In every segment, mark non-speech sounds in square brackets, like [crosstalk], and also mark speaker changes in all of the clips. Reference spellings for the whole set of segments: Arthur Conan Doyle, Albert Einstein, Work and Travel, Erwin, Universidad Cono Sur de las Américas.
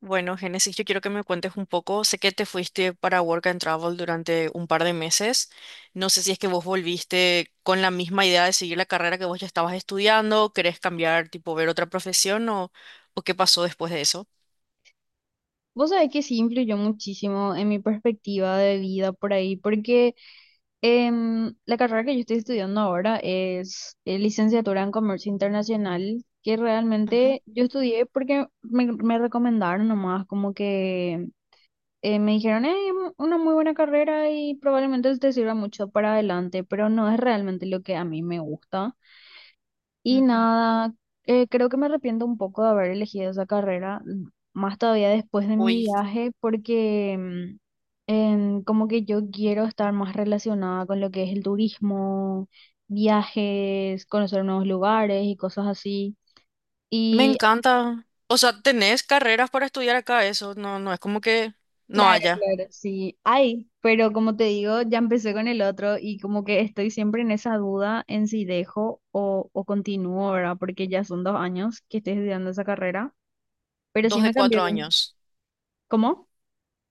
Speaker 1: Bueno, Génesis, yo quiero que me cuentes un poco. Sé que te fuiste para Work and Travel durante un par de meses. No sé si es que vos volviste con la misma idea de seguir la carrera que vos ya estabas estudiando, querés cambiar, tipo, ver otra profesión o qué pasó después de eso.
Speaker 2: Vos sabés que sí influyó muchísimo en mi perspectiva de vida por ahí, porque la carrera que yo estoy estudiando ahora es licenciatura en comercio internacional, que
Speaker 1: Ujú,
Speaker 2: realmente yo estudié porque me recomendaron nomás, como que me dijeron, es una muy buena carrera y probablemente te sirva mucho para adelante, pero no es realmente lo que a mí me gusta. Y
Speaker 1: ujú.
Speaker 2: nada, creo que me arrepiento un poco de haber elegido esa carrera, más todavía después de mi
Speaker 1: Uy,
Speaker 2: viaje, porque como que yo quiero estar más relacionada con lo que es el turismo, viajes, conocer nuevos lugares y cosas así.
Speaker 1: me
Speaker 2: Y
Speaker 1: encanta. O sea, tenés carreras para estudiar acá, eso no, no es como que no
Speaker 2: claro,
Speaker 1: haya.
Speaker 2: claro, sí, hay, pero como te digo, ya empecé con el otro y como que estoy siempre en esa duda en si dejo o continúo, ¿verdad? Porque ya son 2 años que estoy estudiando esa carrera. Pero sí
Speaker 1: Dos de
Speaker 2: me cambió.
Speaker 1: cuatro años.
Speaker 2: ¿Cómo?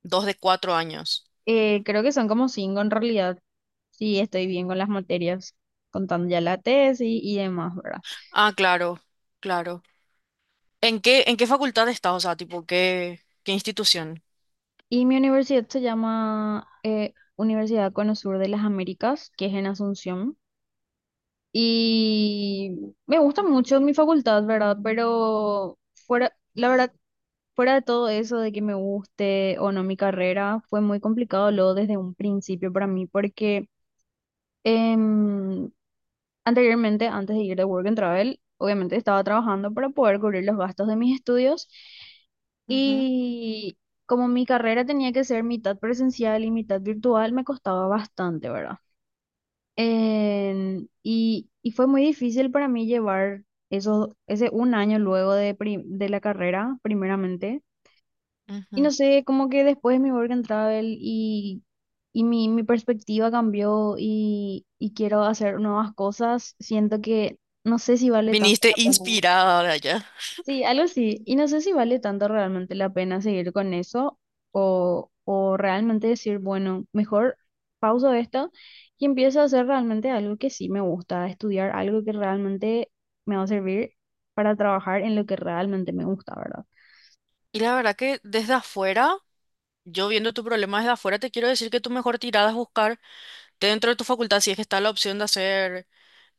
Speaker 1: Dos de cuatro años.
Speaker 2: Creo que son como 5 en realidad. Sí, estoy bien con las materias, contando ya la tesis y demás, ¿verdad?
Speaker 1: Ah, claro, claro. ¿En qué facultad estás? O sea, tipo, ¿qué institución?
Speaker 2: Y mi universidad se llama Universidad Cono Sur de las Américas, que es en Asunción. Y me gusta mucho mi facultad, ¿verdad? Pero fuera, la verdad, fuera de todo eso de que me guste o no mi carrera, fue muy complicado luego desde un principio para mí. Em, Anteriormente, antes de ir de Work and Travel, obviamente estaba trabajando para poder cubrir los gastos de mis estudios
Speaker 1: Ujú,
Speaker 2: y como mi carrera tenía que ser mitad presencial y mitad virtual, me costaba bastante, ¿verdad? Y fue muy difícil para mí llevar eso, ese un año luego de la carrera, primeramente. Y
Speaker 1: ujú.
Speaker 2: no sé, como que después mi work and travel y mi perspectiva cambió y quiero hacer nuevas cosas, siento que no sé si vale tanto
Speaker 1: Viniste
Speaker 2: la pena.
Speaker 1: inspirada ahora ya.
Speaker 2: Sí, algo así. Y no sé si vale tanto realmente la pena seguir con eso o realmente decir, bueno, mejor pauso esto y empiezo a hacer realmente algo que sí me gusta, estudiar algo que realmente me va a servir para trabajar en lo que realmente me gusta, ¿verdad?
Speaker 1: Y la verdad que desde afuera, yo viendo tu problema desde afuera, te quiero decir que tu mejor tirada es buscar dentro de tu facultad, si es que está la opción de hacer,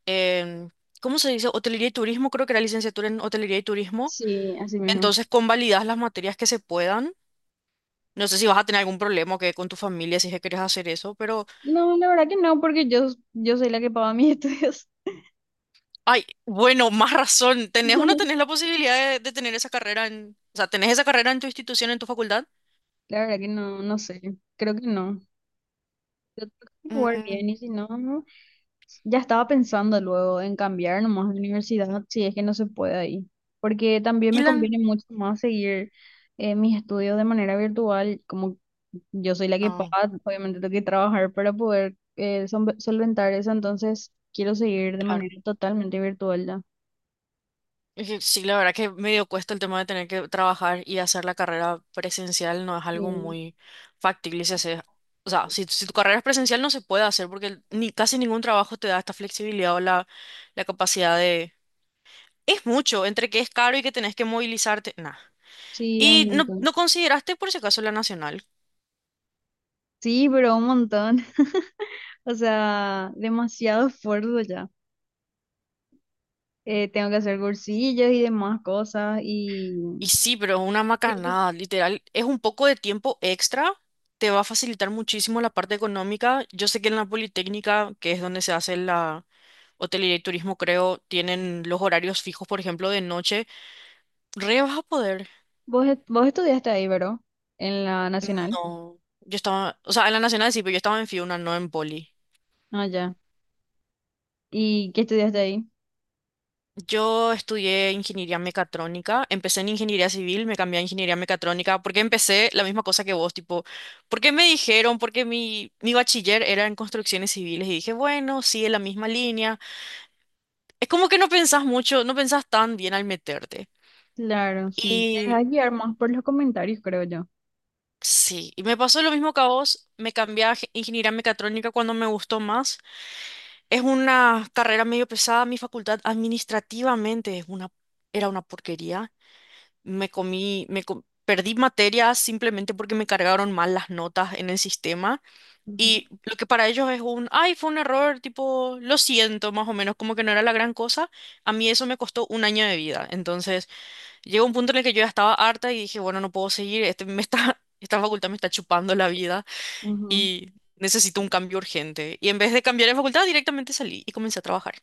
Speaker 1: em, ¿cómo se dice? Hotelería y turismo, creo que era licenciatura en hotelería y turismo.
Speaker 2: Sí, así mismo.
Speaker 1: Entonces, convalidas las materias que se puedan. No sé si vas a tener algún problema que con tu familia si es que quieres hacer eso, pero,
Speaker 2: No, la verdad que no, porque yo soy la que paga mis [laughs] estudios.
Speaker 1: ay, bueno, más razón. ¿Tenés o no tenés la posibilidad de tener esa carrera en, o sea, tenés esa carrera en tu institución, en tu facultad?
Speaker 2: La verdad que no, no sé, creo que no. Yo tengo que averiguar
Speaker 1: Mm,
Speaker 2: bien y si no, no. Ya estaba pensando luego en cambiar nomás de universidad, si es que no se puede ahí. Porque también
Speaker 1: y
Speaker 2: me
Speaker 1: la
Speaker 2: conviene mucho más seguir mis estudios de manera virtual, como yo soy la que
Speaker 1: ah,
Speaker 2: paga, obviamente tengo que trabajar para poder solventar eso, entonces quiero seguir de
Speaker 1: claro.
Speaker 2: manera totalmente virtual ya.
Speaker 1: Es que sí, la verdad que medio cuesta el tema de tener que trabajar y hacer la carrera presencial no es algo
Speaker 2: Sí,
Speaker 1: muy factible O sea, si tu carrera es presencial no se puede hacer porque el- ni casi ningún trabajo te da esta flexibilidad o la capacidad de... Es mucho, entre que es caro y que tenés que movilizarte. Nada
Speaker 2: sí, es un
Speaker 1: y no,
Speaker 2: montón.
Speaker 1: no consideraste por si acaso la Nacional.
Speaker 2: Sí, pero un montón. O sea, demasiado esfuerzo ya. Tengo que hacer cursillos y demás cosas. Y
Speaker 1: Y sí, pero una
Speaker 2: ¿Qué-
Speaker 1: macanada, literal, es un poco de tiempo extra te va a facilitar muchísimo la parte económica. Yo sé que en la Politécnica, que es donde se hace la, hotelería y turismo, creo, tienen los horarios fijos, por ejemplo, de noche. Re vas a poder.
Speaker 2: vos estudiaste ahí, ¿verdad? En la Nacional.
Speaker 1: No, yo estaba, o sea, en la Nacional sí, pero yo estaba en Fiuna, no en Poli.
Speaker 2: Ah, ya. ¿Y qué estudiaste ahí?
Speaker 1: Yo estudié ingeniería mecatrónica, empecé en ingeniería civil, me cambié a ingeniería mecatrónica, porque empecé la misma cosa que vos, tipo, porque me dijeron, porque mi bachiller era en construcciones civiles y dije, bueno, sí, es la misma línea. Es como que no pensás mucho, no pensás tan bien al meterte.
Speaker 2: Claro, sí. Te
Speaker 1: Y
Speaker 2: dejas guiar más por los comentarios, creo yo.
Speaker 1: sí, y me pasó lo mismo que a vos, me cambié a ingeniería mecatrónica cuando me gustó más. Es una carrera medio pesada, mi facultad administrativamente es una, era una porquería. Me comí, perdí materias simplemente porque me cargaron mal las notas en el sistema.
Speaker 2: Ujú,
Speaker 1: Y lo que para ellos es un, ay, fue un error, tipo, lo siento, más o menos, como que no era la gran cosa. A mí eso me costó un año de vida. Entonces, llegó un punto en el que yo ya estaba harta y dije, bueno, no puedo seguir, este me está, [laughs] esta facultad me está chupando la vida
Speaker 2: ujú.
Speaker 1: y necesito un cambio urgente. Y en vez de cambiar de facultad, directamente salí y comencé a trabajar.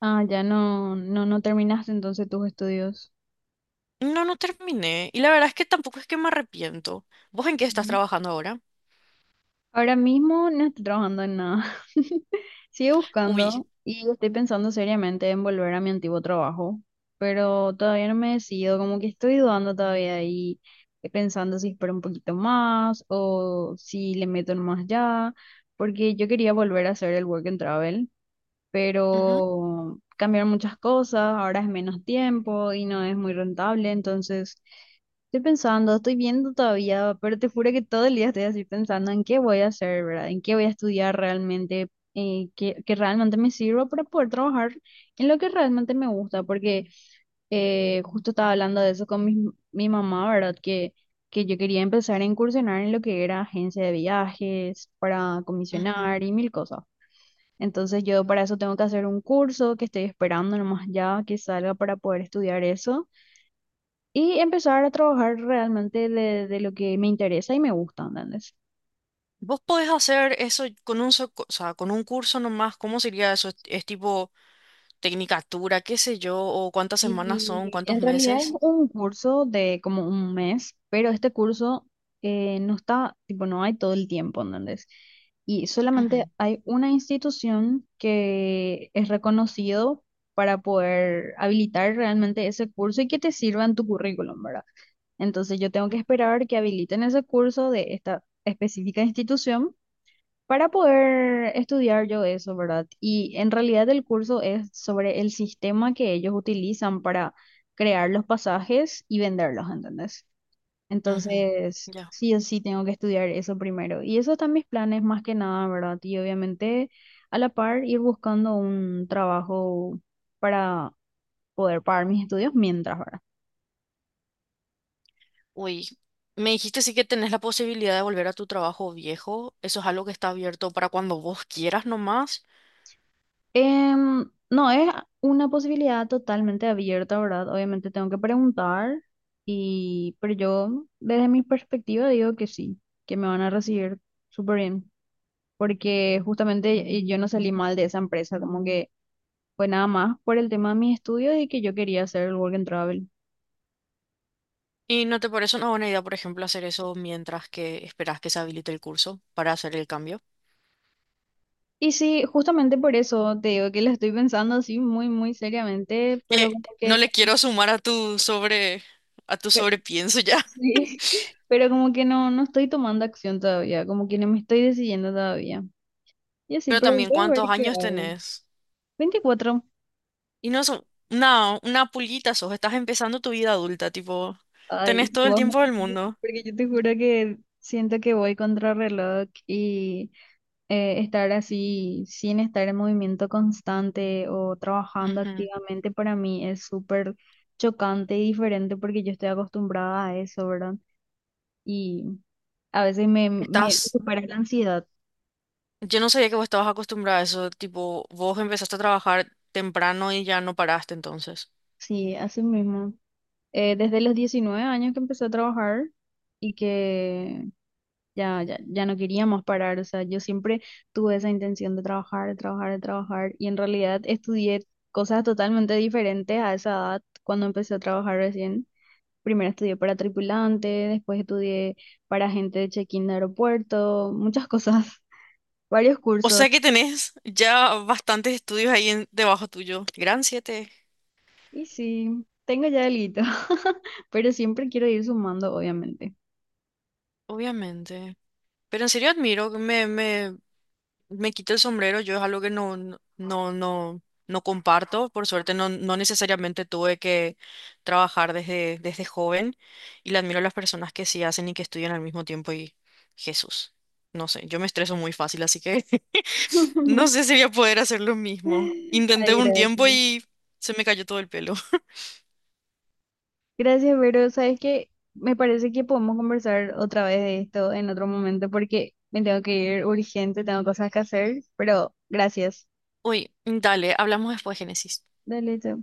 Speaker 2: Ah, ya no, no, no terminaste entonces tus estudios.
Speaker 1: No, no terminé. Y la verdad es que tampoco es que me arrepiento. ¿Vos en qué estás trabajando ahora?
Speaker 2: Ahora mismo no estoy trabajando en nada. [laughs] Sigo
Speaker 1: Uy.
Speaker 2: buscando y estoy pensando seriamente en volver a mi antiguo trabajo, pero todavía no me decido, como que estoy dudando todavía y pensando si espero un poquito más o si le meto más ya, porque yo quería volver a hacer el work and travel,
Speaker 1: Ujú,
Speaker 2: pero cambiaron muchas cosas, ahora es menos tiempo y no es muy rentable, entonces estoy pensando, estoy viendo todavía, pero te juro que todo el día estoy así pensando en qué voy a hacer, ¿verdad? En qué voy a estudiar realmente, que realmente me sirva para poder trabajar en lo que realmente me gusta, porque justo estaba hablando de eso con mi mamá, ¿verdad? Que yo quería empezar a incursionar en lo que era agencia de viajes, para
Speaker 1: ujú.
Speaker 2: comisionar y mil cosas. Entonces yo para eso tengo que hacer un curso que estoy esperando nomás ya que salga para poder estudiar eso y empezar a trabajar realmente de lo que me interesa y me gusta, ¿entendés?
Speaker 1: ¿Vos podés hacer eso con un, o sea, con un curso nomás? ¿Cómo sería eso? Es tipo tecnicatura, qué sé yo? ¿O cuántas semanas son?
Speaker 2: Y en
Speaker 1: ¿Cuántos
Speaker 2: realidad es
Speaker 1: meses?
Speaker 2: un curso de como un mes, pero este curso no está, tipo, no hay todo el tiempo, ¿entendés? Y solamente
Speaker 1: Ujú,
Speaker 2: hay una institución que es reconocido para poder habilitar realmente ese curso y que te sirva en tu currículum, ¿verdad? Entonces yo tengo que esperar que habiliten ese curso de esta específica institución para poder estudiar yo eso, ¿verdad? Y en realidad el curso es sobre el sistema que ellos utilizan para crear los pasajes y venderlos, ¿entendés?
Speaker 1: ujú.
Speaker 2: Entonces,
Speaker 1: Ya.
Speaker 2: sí o sí tengo que estudiar eso primero. Y esos están mis planes más que nada, ¿verdad? Y obviamente a la par ir buscando un trabajo para poder pagar mis estudios mientras, ¿verdad?
Speaker 1: Uy. Me dijiste sí que tenés la posibilidad de volver a tu trabajo viejo. Eso es algo que está abierto para cuando vos quieras nomás.
Speaker 2: No, es una posibilidad totalmente abierta, ¿verdad? Obviamente tengo que preguntar, pero yo desde mi perspectiva digo que sí, que me van a recibir súper bien, porque justamente yo no salí mal de esa empresa, como que fue nada más por el tema de mis estudios y que yo quería hacer el work and travel.
Speaker 1: ¿Y no te parece una buena idea, por ejemplo, hacer eso mientras que esperas que se habilite el curso para hacer el cambio?
Speaker 2: Y sí, justamente por eso te digo que lo estoy pensando así muy, muy seriamente,
Speaker 1: Eh,
Speaker 2: pero como
Speaker 1: no
Speaker 2: que...
Speaker 1: le quiero sumar a tu sobrepienso ya. [laughs]
Speaker 2: Sí, [laughs] pero como que no, no estoy tomando acción todavía, como que no me estoy decidiendo todavía. Y así,
Speaker 1: Pero
Speaker 2: pero
Speaker 1: también,
Speaker 2: voy a ver
Speaker 1: ¿cuántos
Speaker 2: qué
Speaker 1: años
Speaker 2: hago.
Speaker 1: tenés?
Speaker 2: 24.
Speaker 1: Y no son, no, una pulguita sos, estás empezando tu vida adulta, tipo,
Speaker 2: Ay,
Speaker 1: tenés
Speaker 2: si
Speaker 1: todo el
Speaker 2: vos me
Speaker 1: tiempo del
Speaker 2: decís,
Speaker 1: mundo.
Speaker 2: porque yo te juro que siento que voy contra reloj y estar así sin estar en movimiento constante o trabajando
Speaker 1: Ujú.
Speaker 2: activamente para mí es súper chocante y diferente porque yo estoy acostumbrada a eso, ¿verdad? Y a veces me
Speaker 1: Estás,
Speaker 2: supera la ansiedad.
Speaker 1: yo no sabía que vos estabas acostumbrada a eso, tipo, vos empezaste a trabajar temprano y ya no paraste entonces.
Speaker 2: Sí, así mismo. Desde los 19 años que empecé a trabajar y que ya, ya, ya no quería más parar. O sea, yo siempre tuve esa intención de trabajar, de trabajar, de trabajar y en realidad estudié cosas totalmente diferentes a esa edad cuando empecé a trabajar recién. Primero estudié para tripulante, después estudié para gente de check-in de aeropuerto, muchas cosas, [laughs] varios
Speaker 1: O
Speaker 2: cursos.
Speaker 1: sea que tenés ya bastantes estudios ahí debajo tuyo. Gran 7,
Speaker 2: Y sí, tengo ya delito, [laughs] pero siempre quiero ir sumando, obviamente.
Speaker 1: obviamente. Pero en serio admiro, que me quito el sombrero. Yo es algo que no, no, no, no no comparto. Por suerte no, no necesariamente tuve que trabajar desde joven. Y le admiro a las personas que sí hacen y que estudian al mismo tiempo. Y Jesús, no sé, yo me estreso muy fácil, así que [laughs] no sé
Speaker 2: [laughs]
Speaker 1: si voy a poder hacer lo mismo. Intenté
Speaker 2: Ay,
Speaker 1: un
Speaker 2: gracias.
Speaker 1: tiempo y se me cayó todo el pelo.
Speaker 2: Gracias, Vero. Sabes que me parece que podemos conversar otra vez de esto en otro momento porque me tengo que ir urgente, tengo cosas que hacer, pero gracias.
Speaker 1: Uy, dale, hablamos después, Génesis.
Speaker 2: Dale, chao.